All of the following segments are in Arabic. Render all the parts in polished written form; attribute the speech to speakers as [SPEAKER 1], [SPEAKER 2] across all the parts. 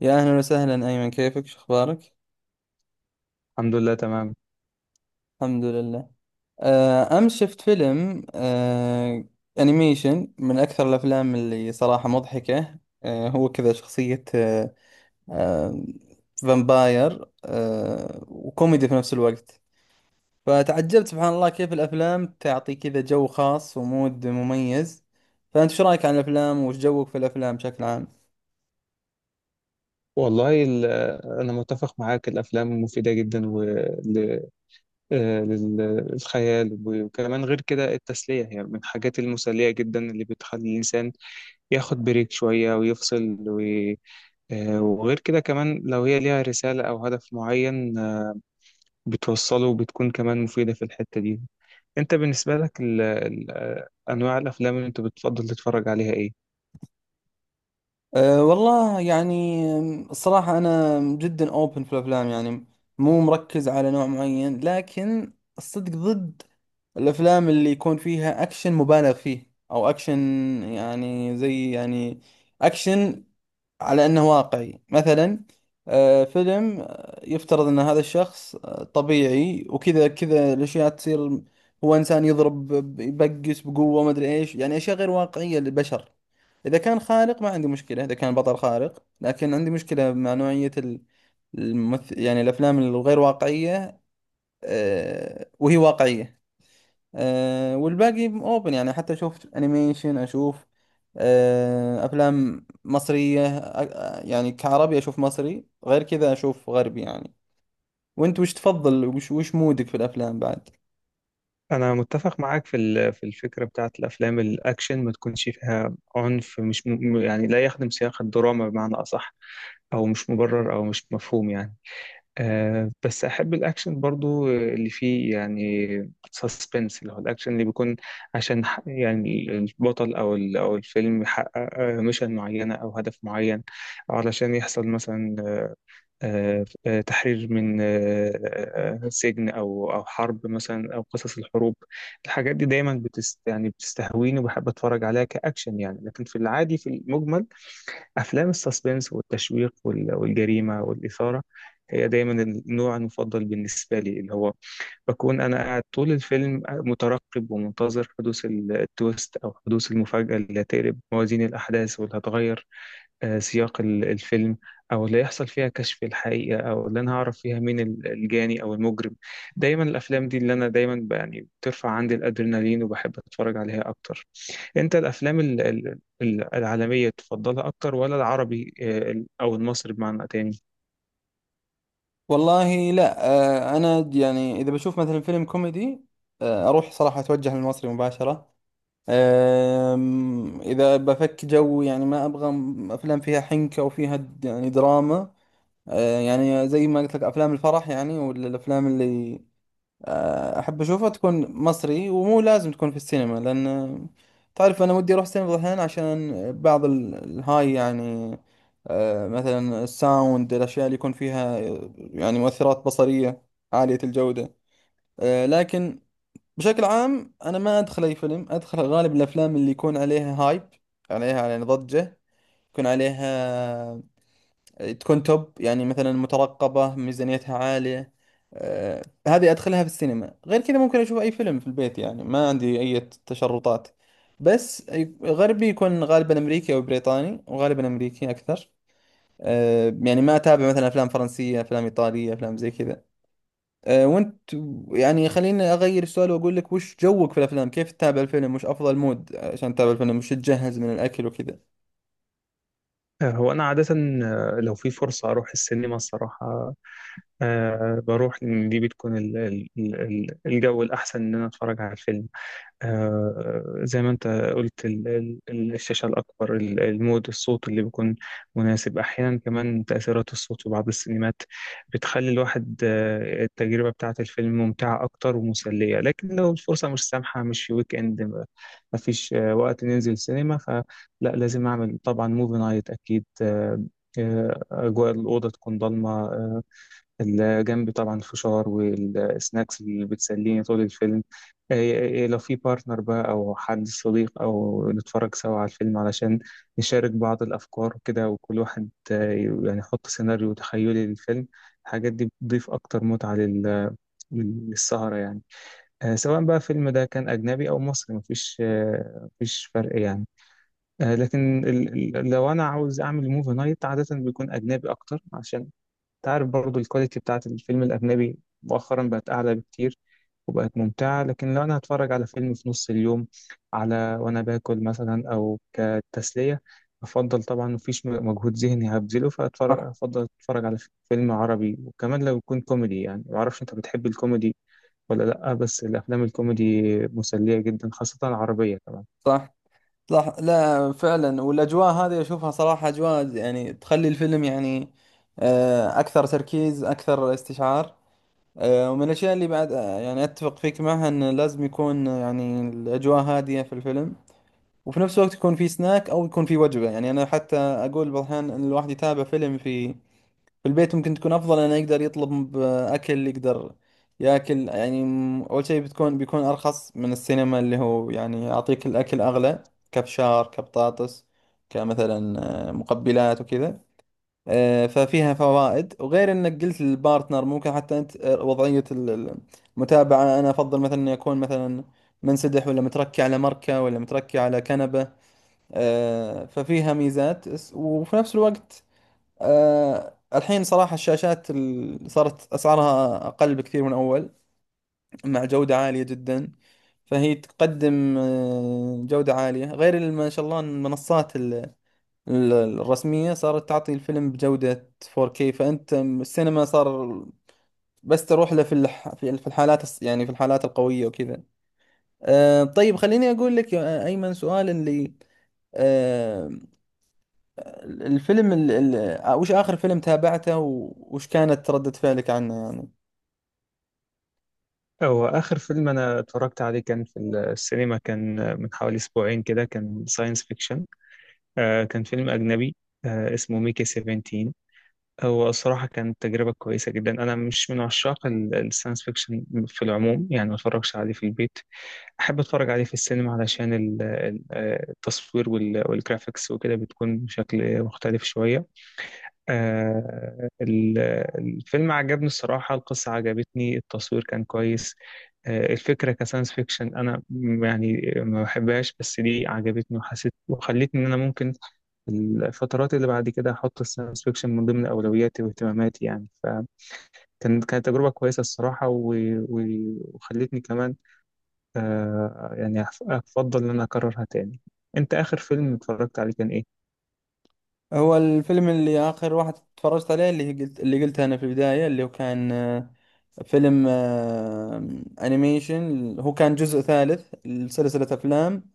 [SPEAKER 1] يا أهلا وسهلا أيمن، كيفك شو أخبارك؟
[SPEAKER 2] الحمد لله تمام.
[SPEAKER 1] الحمد لله. أمس شفت فيلم أنيميشن، من أكثر الأفلام اللي صراحة مضحكة. هو كذا شخصية آه، فامباير، وكوميدي في نفس الوقت. فتعجبت سبحان الله كيف الأفلام تعطي كذا جو خاص ومود مميز. فأنت شو رأيك عن الأفلام؟ وش جوك في الأفلام بشكل عام؟
[SPEAKER 2] والله، أنا متفق معاك، الأفلام مفيدة جدا للخيال، وكمان غير كده التسلية هي من الحاجات المسلية جدا اللي بتخلي الإنسان ياخد بريك شوية ويفصل وغير كده كمان لو هي ليها رسالة أو هدف معين، بتوصله وبتكون كمان مفيدة في الحتة دي. أنت بالنسبة لك أنواع الأفلام اللي أنت بتفضل تتفرج عليها إيه؟
[SPEAKER 1] والله يعني، الصراحة أنا جدا أوبن في الأفلام يعني، مو مركز على نوع معين، لكن الصدق ضد الأفلام اللي يكون فيها أكشن مبالغ فيه، أو أكشن يعني زي يعني أكشن على انه واقعي مثلا. فيلم يفترض ان هذا الشخص طبيعي، وكذا كذا الاشياء تصير، هو انسان يضرب يبقس بقوة، ما ادري ايش، يعني اشياء غير واقعية للبشر. اذا كان خارق ما عندي مشكلة، اذا كان بطل خارق، لكن عندي مشكلة مع نوعية الممثل، يعني الافلام الغير واقعية وهي واقعية. والباقي اوبن، يعني حتى اشوف انيميشن، اشوف افلام مصرية، يعني كعربي اشوف مصري، غير كذا اشوف غربي يعني. وانت وش تفضل، وش مودك في الافلام بعد؟
[SPEAKER 2] انا متفق معاك في الفكره بتاعت الافلام، الاكشن ما تكونش فيها عنف مش يعني لا يخدم سياق الدراما بمعنى اصح، او مش مبرر او مش مفهوم يعني. بس احب الاكشن برضو اللي فيه يعني سسبنس، اللي هو الاكشن اللي بيكون عشان يعني البطل او الفيلم يحقق ميشن معينه او هدف معين، او علشان يحصل مثلا تحرير من سجن او حرب مثلا، او قصص الحروب. الحاجات دي دايما يعني بتستهويني وبحب اتفرج عليها كاكشن يعني، لكن في العادي في المجمل افلام السسبنس والتشويق والجريمه والاثاره هي دايما النوع المفضل بالنسبه لي، اللي هو بكون انا قاعد طول الفيلم مترقب ومنتظر حدوث التويست او حدوث المفاجاه اللي هتقلب موازين الاحداث واللي هتغير سياق الفيلم، او اللي يحصل فيها كشف الحقيقه او اللي انا هعرف فيها مين الجاني او المجرم. دايما الافلام دي اللي انا دايما يعني بترفع عندي الادرينالين وبحب اتفرج عليها اكتر. انت الافلام العالميه تفضلها اكتر، ولا العربي او المصري بمعنى تاني؟
[SPEAKER 1] والله لا. انا يعني اذا بشوف مثلا فيلم كوميدي اروح صراحة، اتوجه للمصري مباشرة. إذا بفك جو يعني ما أبغى أفلام فيها حنكة وفيها يعني دراما. يعني زي ما قلت لك أفلام الفرح يعني، ولا الأفلام اللي احب اشوفها تكون مصري. ومو لازم تكون في السينما، لان تعرف انا ودي اروح السينما بعض الاحيان عشان بعض الهاي يعني، مثلا الساوند، الاشياء اللي يكون فيها يعني مؤثرات بصرية عالية الجودة. لكن بشكل عام انا ما ادخل اي فيلم، ادخل غالب الافلام اللي يكون عليها هايب، عليها يعني ضجة، يكون عليها، تكون توب يعني، مثلا مترقبة ميزانيتها عالية. آه، هذه أدخلها في السينما. غير كذا ممكن أشوف أي فيلم في البيت، يعني ما عندي أي تشرطات. بس غربي يكون غالبا أمريكي أو بريطاني، وغالبا أمريكي أكثر. يعني ما أتابع مثلا أفلام فرنسية، أفلام إيطالية، أفلام زي كذا. وأنت، يعني خليني أغير السؤال وأقول لك: وش جوك في الأفلام؟ كيف تتابع الفيلم؟ وش أفضل مود عشان تتابع الفيلم؟ وش تجهز من الأكل وكذا؟
[SPEAKER 2] هو انا عاده، لو في فرصه اروح السينما الصراحه بروح، لأن دي بتكون الجو الاحسن ان انا اتفرج على الفيلم. زي ما انت قلت، الشاشة الأكبر، المود، الصوت اللي بيكون مناسب، أحيانا كمان تأثيرات الصوت في بعض السينمات بتخلي الواحد التجربة بتاعة الفيلم ممتعة أكتر ومسلية. لكن لو الفرصة مش سامحة، مش في ويك إند، مفيش وقت ننزل سينما، فلا، لازم أعمل طبعا موفي نايت أكيد. أجواء الأوضة تكون ضلمة، اللي جنبي طبعا الفشار والسناكس اللي بتسليني طول الفيلم. إيه لو في بارتنر بقى أو حد صديق أو نتفرج سوا على الفيلم علشان نشارك بعض الأفكار وكده، وكل واحد يعني يحط سيناريو تخيلي للفيلم. الحاجات دي بتضيف أكتر متعة للسهرة يعني. سواء بقى الفيلم ده كان أجنبي أو مصري، مفيش فرق يعني. لكن لو أنا عاوز أعمل موفي نايت عادة بيكون أجنبي أكتر، عشان تعرف برضو الكواليتي بتاعت الفيلم الأجنبي مؤخرا بقت أعلى بكتير وبقت ممتعة. لكن لو أنا هتفرج على فيلم في نص اليوم، على وأنا باكل مثلا أو كتسلية، أفضل طبعا مفيش مجهود ذهني هبذله،
[SPEAKER 1] صح،
[SPEAKER 2] أفضل أتفرج على فيلم عربي، وكمان لو يكون كوميدي. يعني معرفش أنت بتحب الكوميدي ولا لأ، بس الأفلام الكوميدي مسلية جدا، خاصة العربية كمان.
[SPEAKER 1] صح، صح. لا فعلا، والاجواء هذه اشوفها صراحه اجواء يعني تخلي الفيلم يعني اكثر تركيز، اكثر استشعار. ومن الاشياء اللي بعد يعني اتفق فيك معها انه لازم يكون يعني الاجواء هاديه في الفيلم، وفي نفس الوقت يكون في سناك او يكون في وجبه. يعني انا حتى اقول بعض الاحيان ان الواحد يتابع فيلم في البيت ممكن تكون افضل، انه يقدر يطلب اكل، يقدر ياكل. يعني اول شيء بيكون ارخص من السينما اللي هو يعني يعطيك الاكل اغلى، كبشار، كبطاطس، كمثلا، مقبلات وكذا. ففيها فوائد. وغير انك قلت للبارتنر، ممكن حتى انت وضعية المتابعة، انا افضل مثلا اني اكون مثلا منسدح، ولا متركي على مركة، ولا متركي على كنبة. ففيها ميزات. وفي نفس الوقت الحين صراحة الشاشات صارت أسعارها أقل بكثير من أول، مع جودة عالية جدا. فهي تقدم جودة عالية. غير ما شاء الله إن المنصات الرسمية صارت تعطي الفيلم بجودة 4K. فأنت السينما صار بس تروح له في في في الحالات يعني في الحالات القوية وكذا. طيب، خليني أقول لك يا أيمن سؤال اللي آه، الفيلم وش آخر فيلم تابعته، وش كانت ردة فعلك عنه يعني؟
[SPEAKER 2] هو آخر فيلم أنا اتفرجت عليه كان في السينما، كان من حوالي أسبوعين كده، كان ساينس فيكشن، كان فيلم أجنبي، اسمه ميكي 17. هو الصراحة كانت تجربة كويسة جدا. أنا مش من عشاق الساينس فيكشن في العموم، يعني ما اتفرجش عليه في البيت، أحب أتفرج عليه في السينما علشان التصوير والجرافيكس وكده بتكون بشكل مختلف شوية. آه، ال- الفيلم عجبني الصراحة، القصة عجبتني، التصوير كان كويس. الفكرة كساينس فيكشن أنا يعني ما بحبهاش، بس دي عجبتني وحسيت وخلتني إن أنا ممكن الفترات اللي بعد كده هحط الساينس فيكشن من ضمن أولوياتي واهتماماتي يعني. كانت تجربة كويسة الصراحة و... وخلتني كمان يعني أفضل إن أنا أكررها تاني. أنت آخر فيلم اتفرجت عليه كان إيه؟
[SPEAKER 1] هو الفيلم اللي آخر واحد تفرجت عليه، اللي قلته أنا في البداية، اللي هو كان فيلم أنيميشن، هو كان جزء ثالث لسلسلة أفلام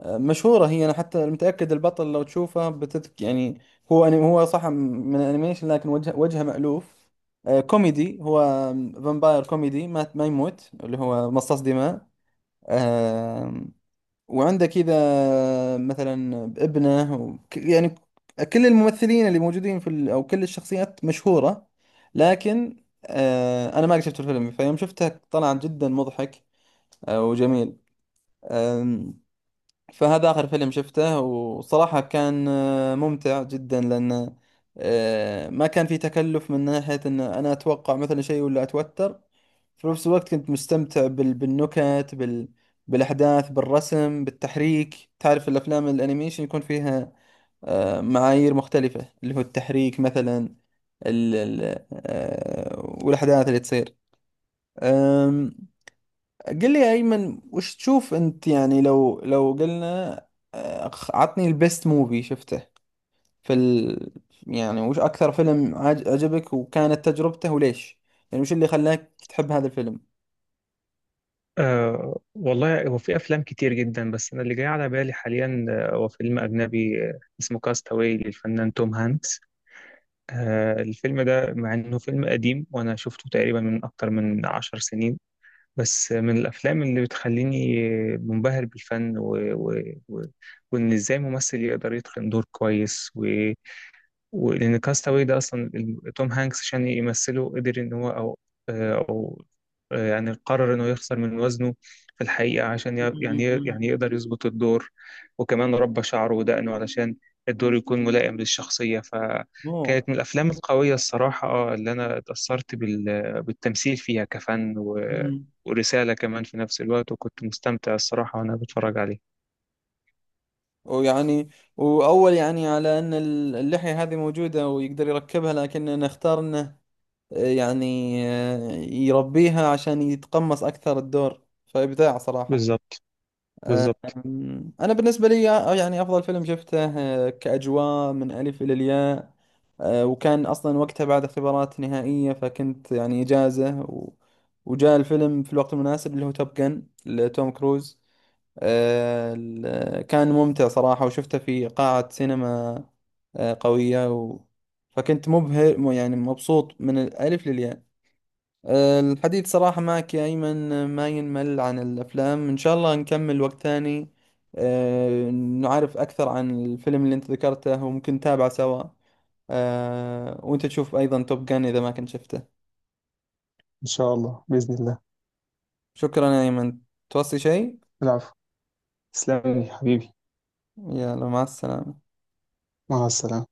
[SPEAKER 1] مشهورة. هي أنا حتى متأكد البطل لو تشوفه بتذك يعني، هو هو صح من الأنيميشن، لكن وجهه مألوف. كوميدي هو، فامباير كوميدي ما يموت، اللي هو مصاص دماء. آه وعندك إذا مثلا ابنه يعني كل الممثلين اللي موجودين في أو كل الشخصيات مشهورة. لكن أنا ما قد شفت الفيلم، فيوم شفته طلع جدا مضحك وجميل. فهذا آخر فيلم شفته، وصراحة كان ممتع جدا. لأن ما كان في تكلف من ناحية أن أنا أتوقع مثلا شيء ولا أتوتر، في نفس الوقت كنت مستمتع بالنكت، بالأحداث، بالرسم، بالتحريك. تعرف الأفلام الأنيميشن يكون فيها معايير مختلفة، اللي هو التحريك مثلا، والأحداث اللي تصير. قل لي يا أيمن، وش تشوف أنت، يعني لو قلنا عطني البيست موفي شفته في يعني، وش أكثر فيلم عجبك وكانت تجربته، وليش يعني، وش اللي خلاك تحب هذا الفيلم؟
[SPEAKER 2] والله هو في أفلام كتير جدا، بس أنا اللي جاي على بالي حاليا هو فيلم أجنبي اسمه كاستاوي للفنان توم هانكس. الفيلم ده مع إنه فيلم قديم وأنا شفته تقريبا من أكتر من 10 سنين، بس من الأفلام اللي بتخليني منبهر بالفن و... و... وإن إزاي ممثل يقدر يتقن دور كويس. و... ولأن كاستاوي ده أصلا توم هانكس عشان يمثله قدر إن هو أو آه، أو آه، يعني قرر إنه يخسر من وزنه في الحقيقة، عشان ي- يعني
[SPEAKER 1] مم.
[SPEAKER 2] يعني يقدر يظبط الدور، وكمان ربى شعره ودقنه علشان الدور يكون ملائم للشخصية.
[SPEAKER 1] أوه.
[SPEAKER 2] فكانت من الأفلام القوية الصراحة، اللي أنا اتأثرت بالتمثيل فيها كفن
[SPEAKER 1] مم.
[SPEAKER 2] ورسالة كمان في نفس الوقت، وكنت مستمتع الصراحة وأنا بتفرج عليه.
[SPEAKER 1] ويعني، وأول يعني على أن اللحية هذه موجودة ويقدر يركبها، لكن نختار أنه يعني يربيها عشان يتقمص أكثر الدور. فإبداع صراحة.
[SPEAKER 2] بالظبط بالظبط.
[SPEAKER 1] أنا بالنسبة لي يعني أفضل فيلم شفته كأجواء من ألف إلى الياء، وكان أصلا وقتها بعد اختبارات نهائية، فكنت يعني إجازة، وجاء الفيلم في الوقت المناسب، اللي هو توب جن لتوم كروز. كان ممتع صراحة، وشفته في قاعة سينما قوية، فكنت مبهر، يعني مبسوط من الألف للياء. الحديث صراحة معك يا أيمن ما ينمل عن الأفلام. إن شاء الله نكمل وقت ثاني، نعرف أكثر عن الفيلم اللي أنت ذكرته، وممكن نتابعه سوا، وأنت تشوف أيضا توب جان إذا ما كنت شفته.
[SPEAKER 2] إن شاء الله بإذن الله.
[SPEAKER 1] شكرا يا أيمن، توصي شيء؟
[SPEAKER 2] العفو. تسلم لي حبيبي.
[SPEAKER 1] يلا مع السلامة.
[SPEAKER 2] مع السلامة.